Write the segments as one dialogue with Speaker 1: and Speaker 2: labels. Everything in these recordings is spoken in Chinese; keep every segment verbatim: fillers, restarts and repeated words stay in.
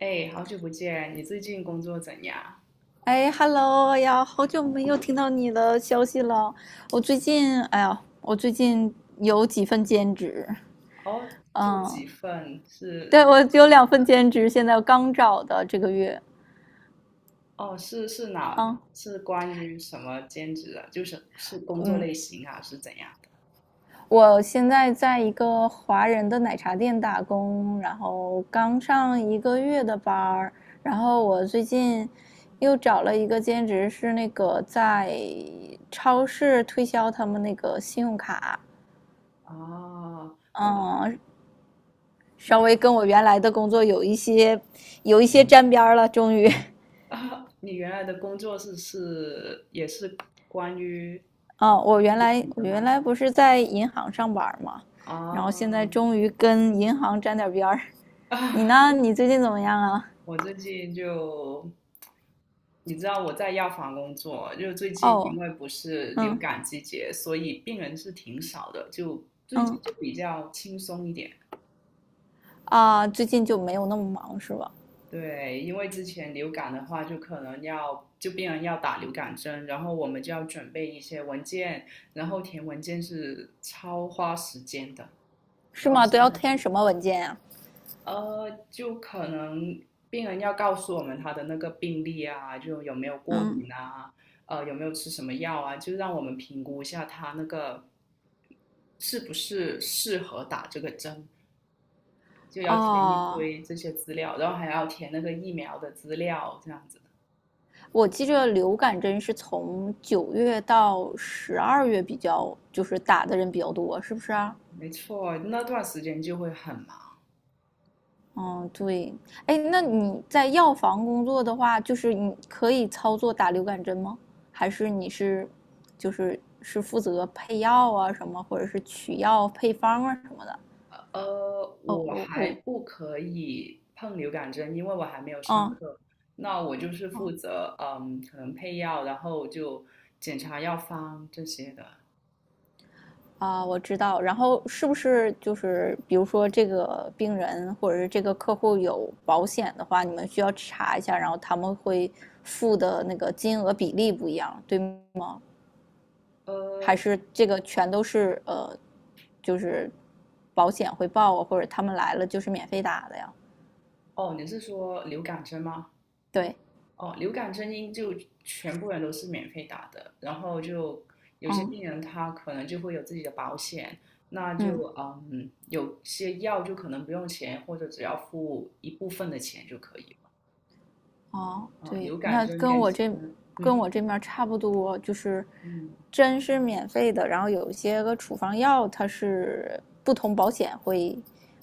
Speaker 1: 哎，好久不见！你最近工作怎样？
Speaker 2: 哎，Hello 哎呀，好久没有听到你的消息了。我最近，哎呀，我最近有几份兼职，
Speaker 1: 哦，做
Speaker 2: 嗯，
Speaker 1: 几份是？
Speaker 2: 对，我有两份兼职，现在刚找的这个月，
Speaker 1: 哦，是是哪？
Speaker 2: 啊，
Speaker 1: 是关于什么兼职啊？就是是工作
Speaker 2: 嗯，
Speaker 1: 类型啊，是怎样的？
Speaker 2: 我现在在一个华人的奶茶店打工，然后刚上一个月的班儿，然后我最近又找了一个兼职，是那个在超市推销他们那个信用卡。
Speaker 1: 哦，那
Speaker 2: 嗯，稍
Speaker 1: 那
Speaker 2: 微跟我原来的工作有一些有一些沾边儿了，终于
Speaker 1: 啊，你原来的工作是是也是关于
Speaker 2: 啊，我原
Speaker 1: 自
Speaker 2: 来
Speaker 1: 己
Speaker 2: 我
Speaker 1: 的
Speaker 2: 原
Speaker 1: 吗？
Speaker 2: 来不是在银行上班嘛，然后现在
Speaker 1: 哦，
Speaker 2: 终于跟银行沾点边儿。你 呢？你最近怎么样啊？
Speaker 1: 我最近就，你知道我在药房工作，就最近因
Speaker 2: 哦，
Speaker 1: 为不是流
Speaker 2: 嗯
Speaker 1: 感季节，所以病人是挺少的，就最
Speaker 2: 嗯
Speaker 1: 近就比较轻松一点。
Speaker 2: 啊，最近就没有那么忙是吧？
Speaker 1: 对，因为之前流感的话，就可能要就病人要打流感针，然后我们就要准备一些文件，然后填文件是超花时间的，
Speaker 2: 是
Speaker 1: 然后
Speaker 2: 吗？
Speaker 1: 现
Speaker 2: 都要
Speaker 1: 在。
Speaker 2: 填什么文件呀、
Speaker 1: 呃，就可能病人要告诉我们他的那个病历啊，就有没有过
Speaker 2: 嗯
Speaker 1: 敏啊，呃，有没有吃什么药啊，就让我们评估一下他那个是不是适合打这个针，就要填一
Speaker 2: 哦，
Speaker 1: 堆这些资料，然后还要填那个疫苗的资料，这样子。
Speaker 2: 我记着流感针是从九月到十二月比较，就是打的人比较多，是不是啊？
Speaker 1: 没错，那段时间就会很忙。
Speaker 2: 嗯，对，哎，那你在药房工作的话，就是你可以操作打流感针吗？还是你是，就是是负责配药啊什么，或者是取药配方啊什么的？
Speaker 1: 呃，
Speaker 2: 哦，
Speaker 1: 我
Speaker 2: 我
Speaker 1: 还
Speaker 2: 我
Speaker 1: 不可以碰流感针，因为我还没有上
Speaker 2: 嗯
Speaker 1: 课。那我就是负
Speaker 2: 嗯
Speaker 1: 责，嗯，可能配药，然后就检查药方这些的。
Speaker 2: 啊，我知道。然后是不是就是比如说这个病人或者是这个客户有保险的话，你们需要查一下，然后他们会付的那个金额比例不一样，对吗？
Speaker 1: 呃，
Speaker 2: 还是这个全都是呃，就是保险会报啊，或者他们来了就是免费打的呀？
Speaker 1: 哦，你是说流感针吗？
Speaker 2: 对，
Speaker 1: 哦，流感针应就全部人都是免费打的，然后就有些
Speaker 2: 嗯
Speaker 1: 病人他可能就会有自己的保险，那
Speaker 2: 嗯，
Speaker 1: 就嗯，有些药就可能不用钱，或者只要付一部分的钱就可以了。
Speaker 2: 哦，
Speaker 1: 啊，
Speaker 2: 对，
Speaker 1: 流感
Speaker 2: 那
Speaker 1: 针
Speaker 2: 跟
Speaker 1: 跟
Speaker 2: 我
Speaker 1: 其
Speaker 2: 这
Speaker 1: 他，嗯
Speaker 2: 跟
Speaker 1: 哼。
Speaker 2: 我这面差不多，就是
Speaker 1: 嗯，
Speaker 2: 针是免费的，然后有一些个处方药它是不同保险会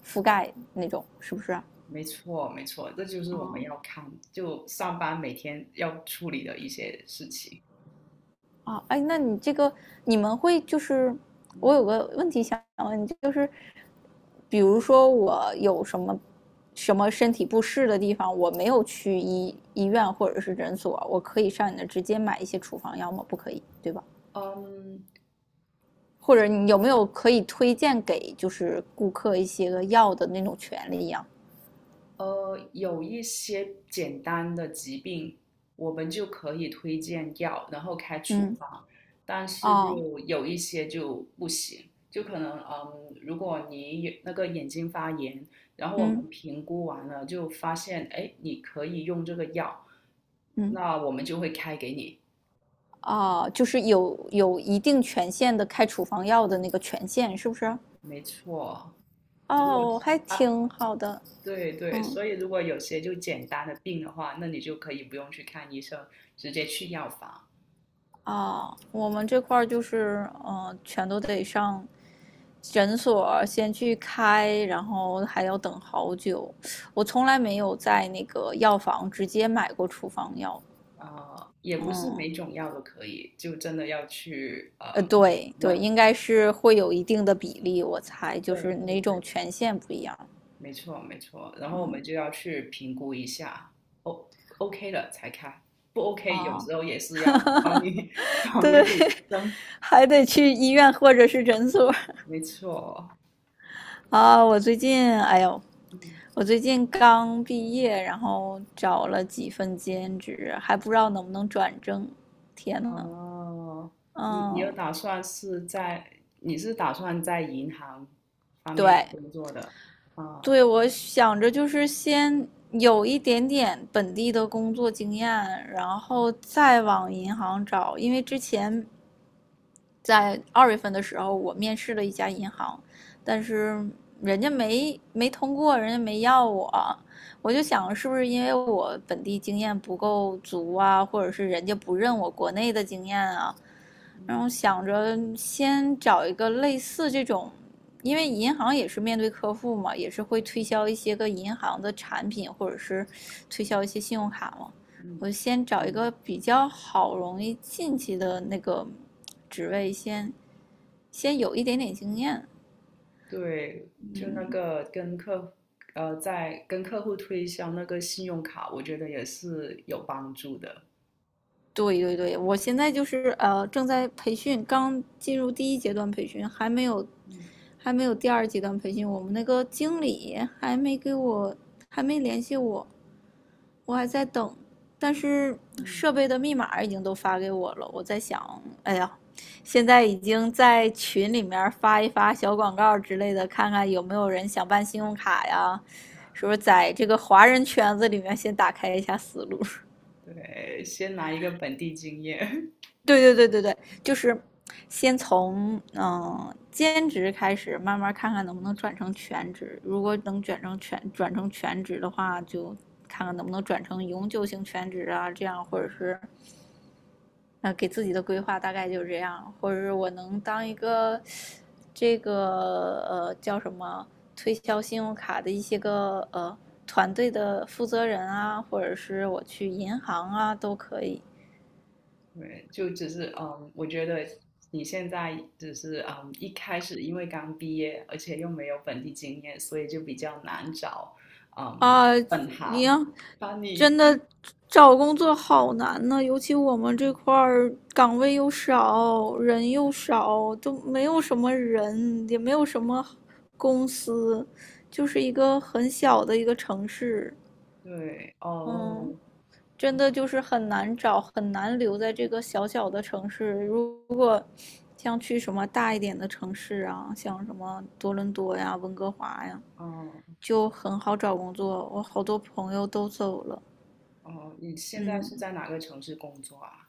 Speaker 2: 覆盖那种，是不是啊？
Speaker 1: 没错，没错，这就是我们
Speaker 2: 哦，
Speaker 1: 要看，就上班每天要处理的一些事情。
Speaker 2: 啊，哎，那你这个你们会就是，我
Speaker 1: 嗯。
Speaker 2: 有个问题想问你，就是，比如说我有什么什么身体不适的地方，我没有去医医院或者是诊所，我可以上你那直接买一些处方药吗？不可以，对吧？
Speaker 1: 嗯
Speaker 2: 或者你有没有可以推荐给就是顾客一些个药的那种权利呀？
Speaker 1: 呃，有一些简单的疾病，我们就可以推荐药，然后开处
Speaker 2: 嗯，
Speaker 1: 方，但是
Speaker 2: 哦，
Speaker 1: 就有一些就不行，就可能嗯，如果你有那个眼睛发炎，然后我们
Speaker 2: 嗯
Speaker 1: 评估完了就发现，哎，你可以用这个药，
Speaker 2: 嗯，
Speaker 1: 那我们就会开给你。
Speaker 2: 哦，就是有有一定权限的开处方药的那个权限，是不是？
Speaker 1: 没错。如果
Speaker 2: 哦，
Speaker 1: 是
Speaker 2: 还
Speaker 1: 啊，
Speaker 2: 挺好的，
Speaker 1: 对对，
Speaker 2: 嗯
Speaker 1: 所以如果有些就简单的病的话，那你就可以不用去看医生，直接去药房。
Speaker 2: 啊，我们这块儿就是，嗯，全都得上诊所先去开，然后还要等好久。我从来没有在那个药房直接买过处方药，
Speaker 1: 啊、也不是
Speaker 2: 嗯，
Speaker 1: 每种药都可以，就真的要去呃
Speaker 2: 呃，对对，
Speaker 1: 问。
Speaker 2: 应该是会有一定的比例，我猜就是
Speaker 1: 对对
Speaker 2: 哪种
Speaker 1: 对，
Speaker 2: 权限不一样，
Speaker 1: 没错没错。然后我
Speaker 2: 嗯
Speaker 1: 们就要去评估一下，O OK 了才开，不 OK 有
Speaker 2: 啊，
Speaker 1: 时候也是要帮你 转
Speaker 2: 对，
Speaker 1: 回给医生。
Speaker 2: 还得去医院或者是诊所，
Speaker 1: 没错，
Speaker 2: 啊，我最近，哎呦，
Speaker 1: 嗯。
Speaker 2: 我最近刚毕业，然后找了几份兼职，还不知道能不能转正。天呐，
Speaker 1: 哦，你你有
Speaker 2: 嗯，
Speaker 1: 打算是在，你是打算在银行方面
Speaker 2: 对，
Speaker 1: 工作的啊？
Speaker 2: 对，我想着就是先有一点点本地的工作经验，然后再往银行找，因为之前在二月份的时候，我面试了一家银行，但是人家没没通过，人家没要我。我就想，是不是因为我本地经验不够足啊，或者是人家不认我国内的经验啊？然后
Speaker 1: 嗯。
Speaker 2: 想着先找一个类似这种，因为银行也是面对客户嘛，也是会推销一些个银行的产品，或者是推销一些信用卡嘛。
Speaker 1: 嗯。
Speaker 2: 我先找一个
Speaker 1: 嗯，
Speaker 2: 比较好容易进去的那个职位先先有一点点经验。
Speaker 1: 对，就那个跟客，呃，在跟客户推销那个信用卡，我觉得也是有帮助的。
Speaker 2: 对对对，我现在就是呃正在培训，刚进入第一阶段培训，还没有
Speaker 1: 嗯。
Speaker 2: 还没有第二阶段培训。我们那个经理还没给我还没联系我，我还在等，但是
Speaker 1: 嗯，
Speaker 2: 设备的密码已经都发给我了。我在想，哎呀，现在已经在群里面发一发小广告之类的，看看有没有人想办信用卡呀？是不是在这个华人圈子里面先打开一下思路？
Speaker 1: 对，先拿一个本地经验。
Speaker 2: 对对对对对，就是先从嗯、呃兼职开始，慢慢看看能不能转成全职。如果能转成全转成全职的话，就看看能不能转成永久性全职啊，这样或者是啊，给自己的规划大概就是这样，或者是我能当一个这个呃叫什么推销信用卡的一些个呃团队的负责人啊，或者是我去银行啊都可以
Speaker 1: 对，就只是嗯，我觉得你现在只是嗯，一开始因为刚毕业，而且又没有本地经验，所以就比较难找嗯
Speaker 2: 啊。
Speaker 1: 本
Speaker 2: 你
Speaker 1: 行
Speaker 2: 要
Speaker 1: 把你。
Speaker 2: 真的找工作好难呢，尤其我们这块
Speaker 1: 嗯，
Speaker 2: 儿岗位又少，人又少，都没有什么人，也没有什么公司，就是一个很小的一个城市。
Speaker 1: 对。
Speaker 2: 嗯，
Speaker 1: 哦
Speaker 2: 真的就是很难找，很难留在这个小小的城市。如果像去什么大一点的城市啊，像什么多伦多呀、温哥华呀，
Speaker 1: 哦
Speaker 2: 就很好找工作。我好多朋友都走了。
Speaker 1: 哦，你现在是
Speaker 2: 嗯，
Speaker 1: 在哪个城市工作啊？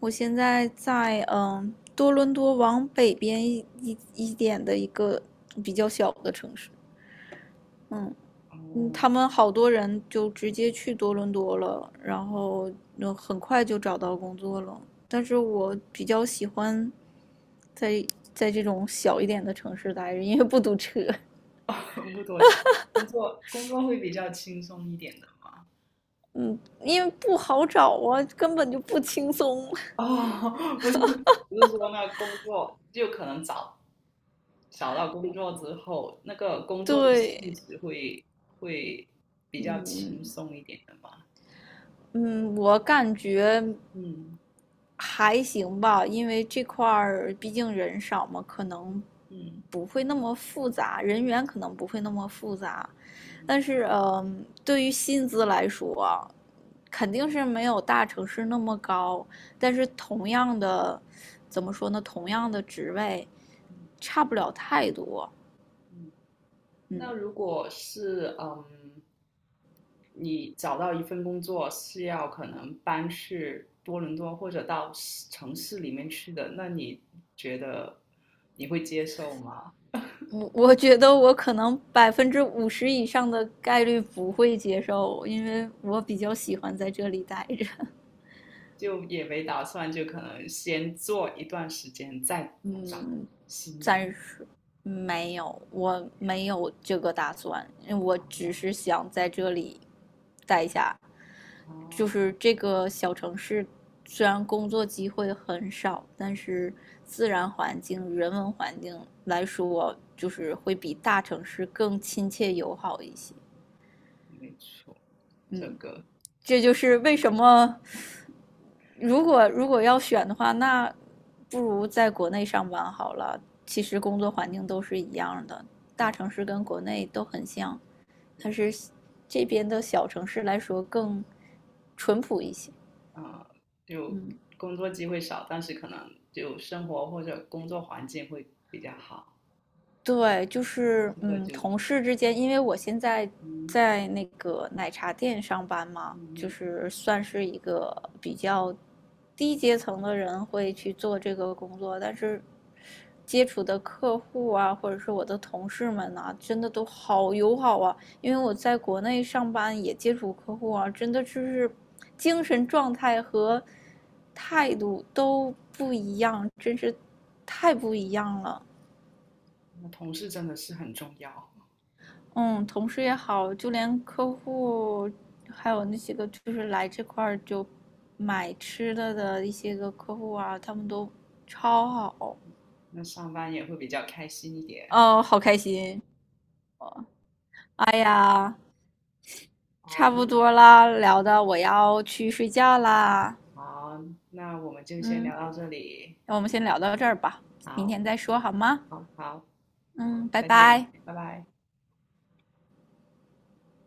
Speaker 2: 我现在在嗯多伦多往北边一一一点的一个比较小的城市。嗯。嗯，他
Speaker 1: 哦，
Speaker 2: 们好多人就直接去多伦多了，然后嗯很快就找到工作了。但是我比较喜欢在在这种小一点的城市待着，因为不堵车，
Speaker 1: 木头城工作工作会比较轻松一点的吗？
Speaker 2: 嗯，因为不好找啊，根本就不轻松。
Speaker 1: 哦，不是，不是说那工作就可能找找到工作之后，那个 工作的
Speaker 2: 对，
Speaker 1: 性质会会比较
Speaker 2: 嗯
Speaker 1: 轻松一点的嘛？
Speaker 2: 嗯，我感觉
Speaker 1: 嗯
Speaker 2: 还行吧，因为这块儿毕竟人少嘛，可能
Speaker 1: 嗯
Speaker 2: 不会那么复杂，人员可能不会那么复杂。
Speaker 1: 嗯
Speaker 2: 但是，嗯，对于薪资来说啊肯定是没有大城市那么高。但是同样的，怎么说呢？同样的职位，
Speaker 1: 嗯
Speaker 2: 差不了太多。
Speaker 1: 嗯。
Speaker 2: 嗯，
Speaker 1: 那如果是嗯，你找到一份工作是要可能搬去多伦多或者到市城市里面去的，那你觉得你会接受吗？
Speaker 2: 我我觉得我可能百分之五十以上的概率不会接受，因为我比较喜欢在这里待着。
Speaker 1: 就也没打算，就可能先做一段时间，再找
Speaker 2: 嗯，
Speaker 1: 新的。
Speaker 2: 暂时没有，我没有这个打算，我只是
Speaker 1: 啊。
Speaker 2: 想在这里待下。就
Speaker 1: 啊，
Speaker 2: 是这个小城市，虽然工作机会很少，但是自然环境、人文环境来说，就是会比大城市更亲切友好一些。
Speaker 1: 没错，这
Speaker 2: 嗯，
Speaker 1: 个
Speaker 2: 这就是为什么，如果如果要选的话，那不如在国内上班好了。其实工作环境都是一样的，大
Speaker 1: 啊，
Speaker 2: 城市跟国内都很像，但
Speaker 1: 也
Speaker 2: 是这边的小城市来说更淳朴一些。
Speaker 1: 啊，就
Speaker 2: 嗯，
Speaker 1: 工作机会少，但是可能就生活或者工作环境会比较好。
Speaker 2: 对，就是
Speaker 1: 这个
Speaker 2: 嗯，
Speaker 1: 就
Speaker 2: 同事之间，因为我现在
Speaker 1: 嗯。
Speaker 2: 在那个奶茶店上班嘛，
Speaker 1: 嗯。
Speaker 2: 就
Speaker 1: 嗯，
Speaker 2: 是算是一个比较低阶层的人会去做这个工作，但是接触的客户啊，或者是我的同事们呐、真的都好友好啊。因为我在国内上班也接触客户啊，真的就是精神状态和态度都不一样，真是太不一样了。
Speaker 1: 那同事真的是很重要，
Speaker 2: 嗯，同事也好，就连客户，还有那些个就是来这块儿就买吃的的一些个客户啊，他们都超好，
Speaker 1: 那上班也会比较开心一点。
Speaker 2: 哦，好开心。哎呀，差
Speaker 1: 好，
Speaker 2: 不多啦，聊的我要去睡觉啦。
Speaker 1: 好，那我们就先
Speaker 2: 嗯，
Speaker 1: 聊到这里。
Speaker 2: 那我们先聊到这儿吧，明
Speaker 1: 好，
Speaker 2: 天再说好吗？
Speaker 1: 好，好，
Speaker 2: 嗯，拜
Speaker 1: 再见，
Speaker 2: 拜。
Speaker 1: 拜拜。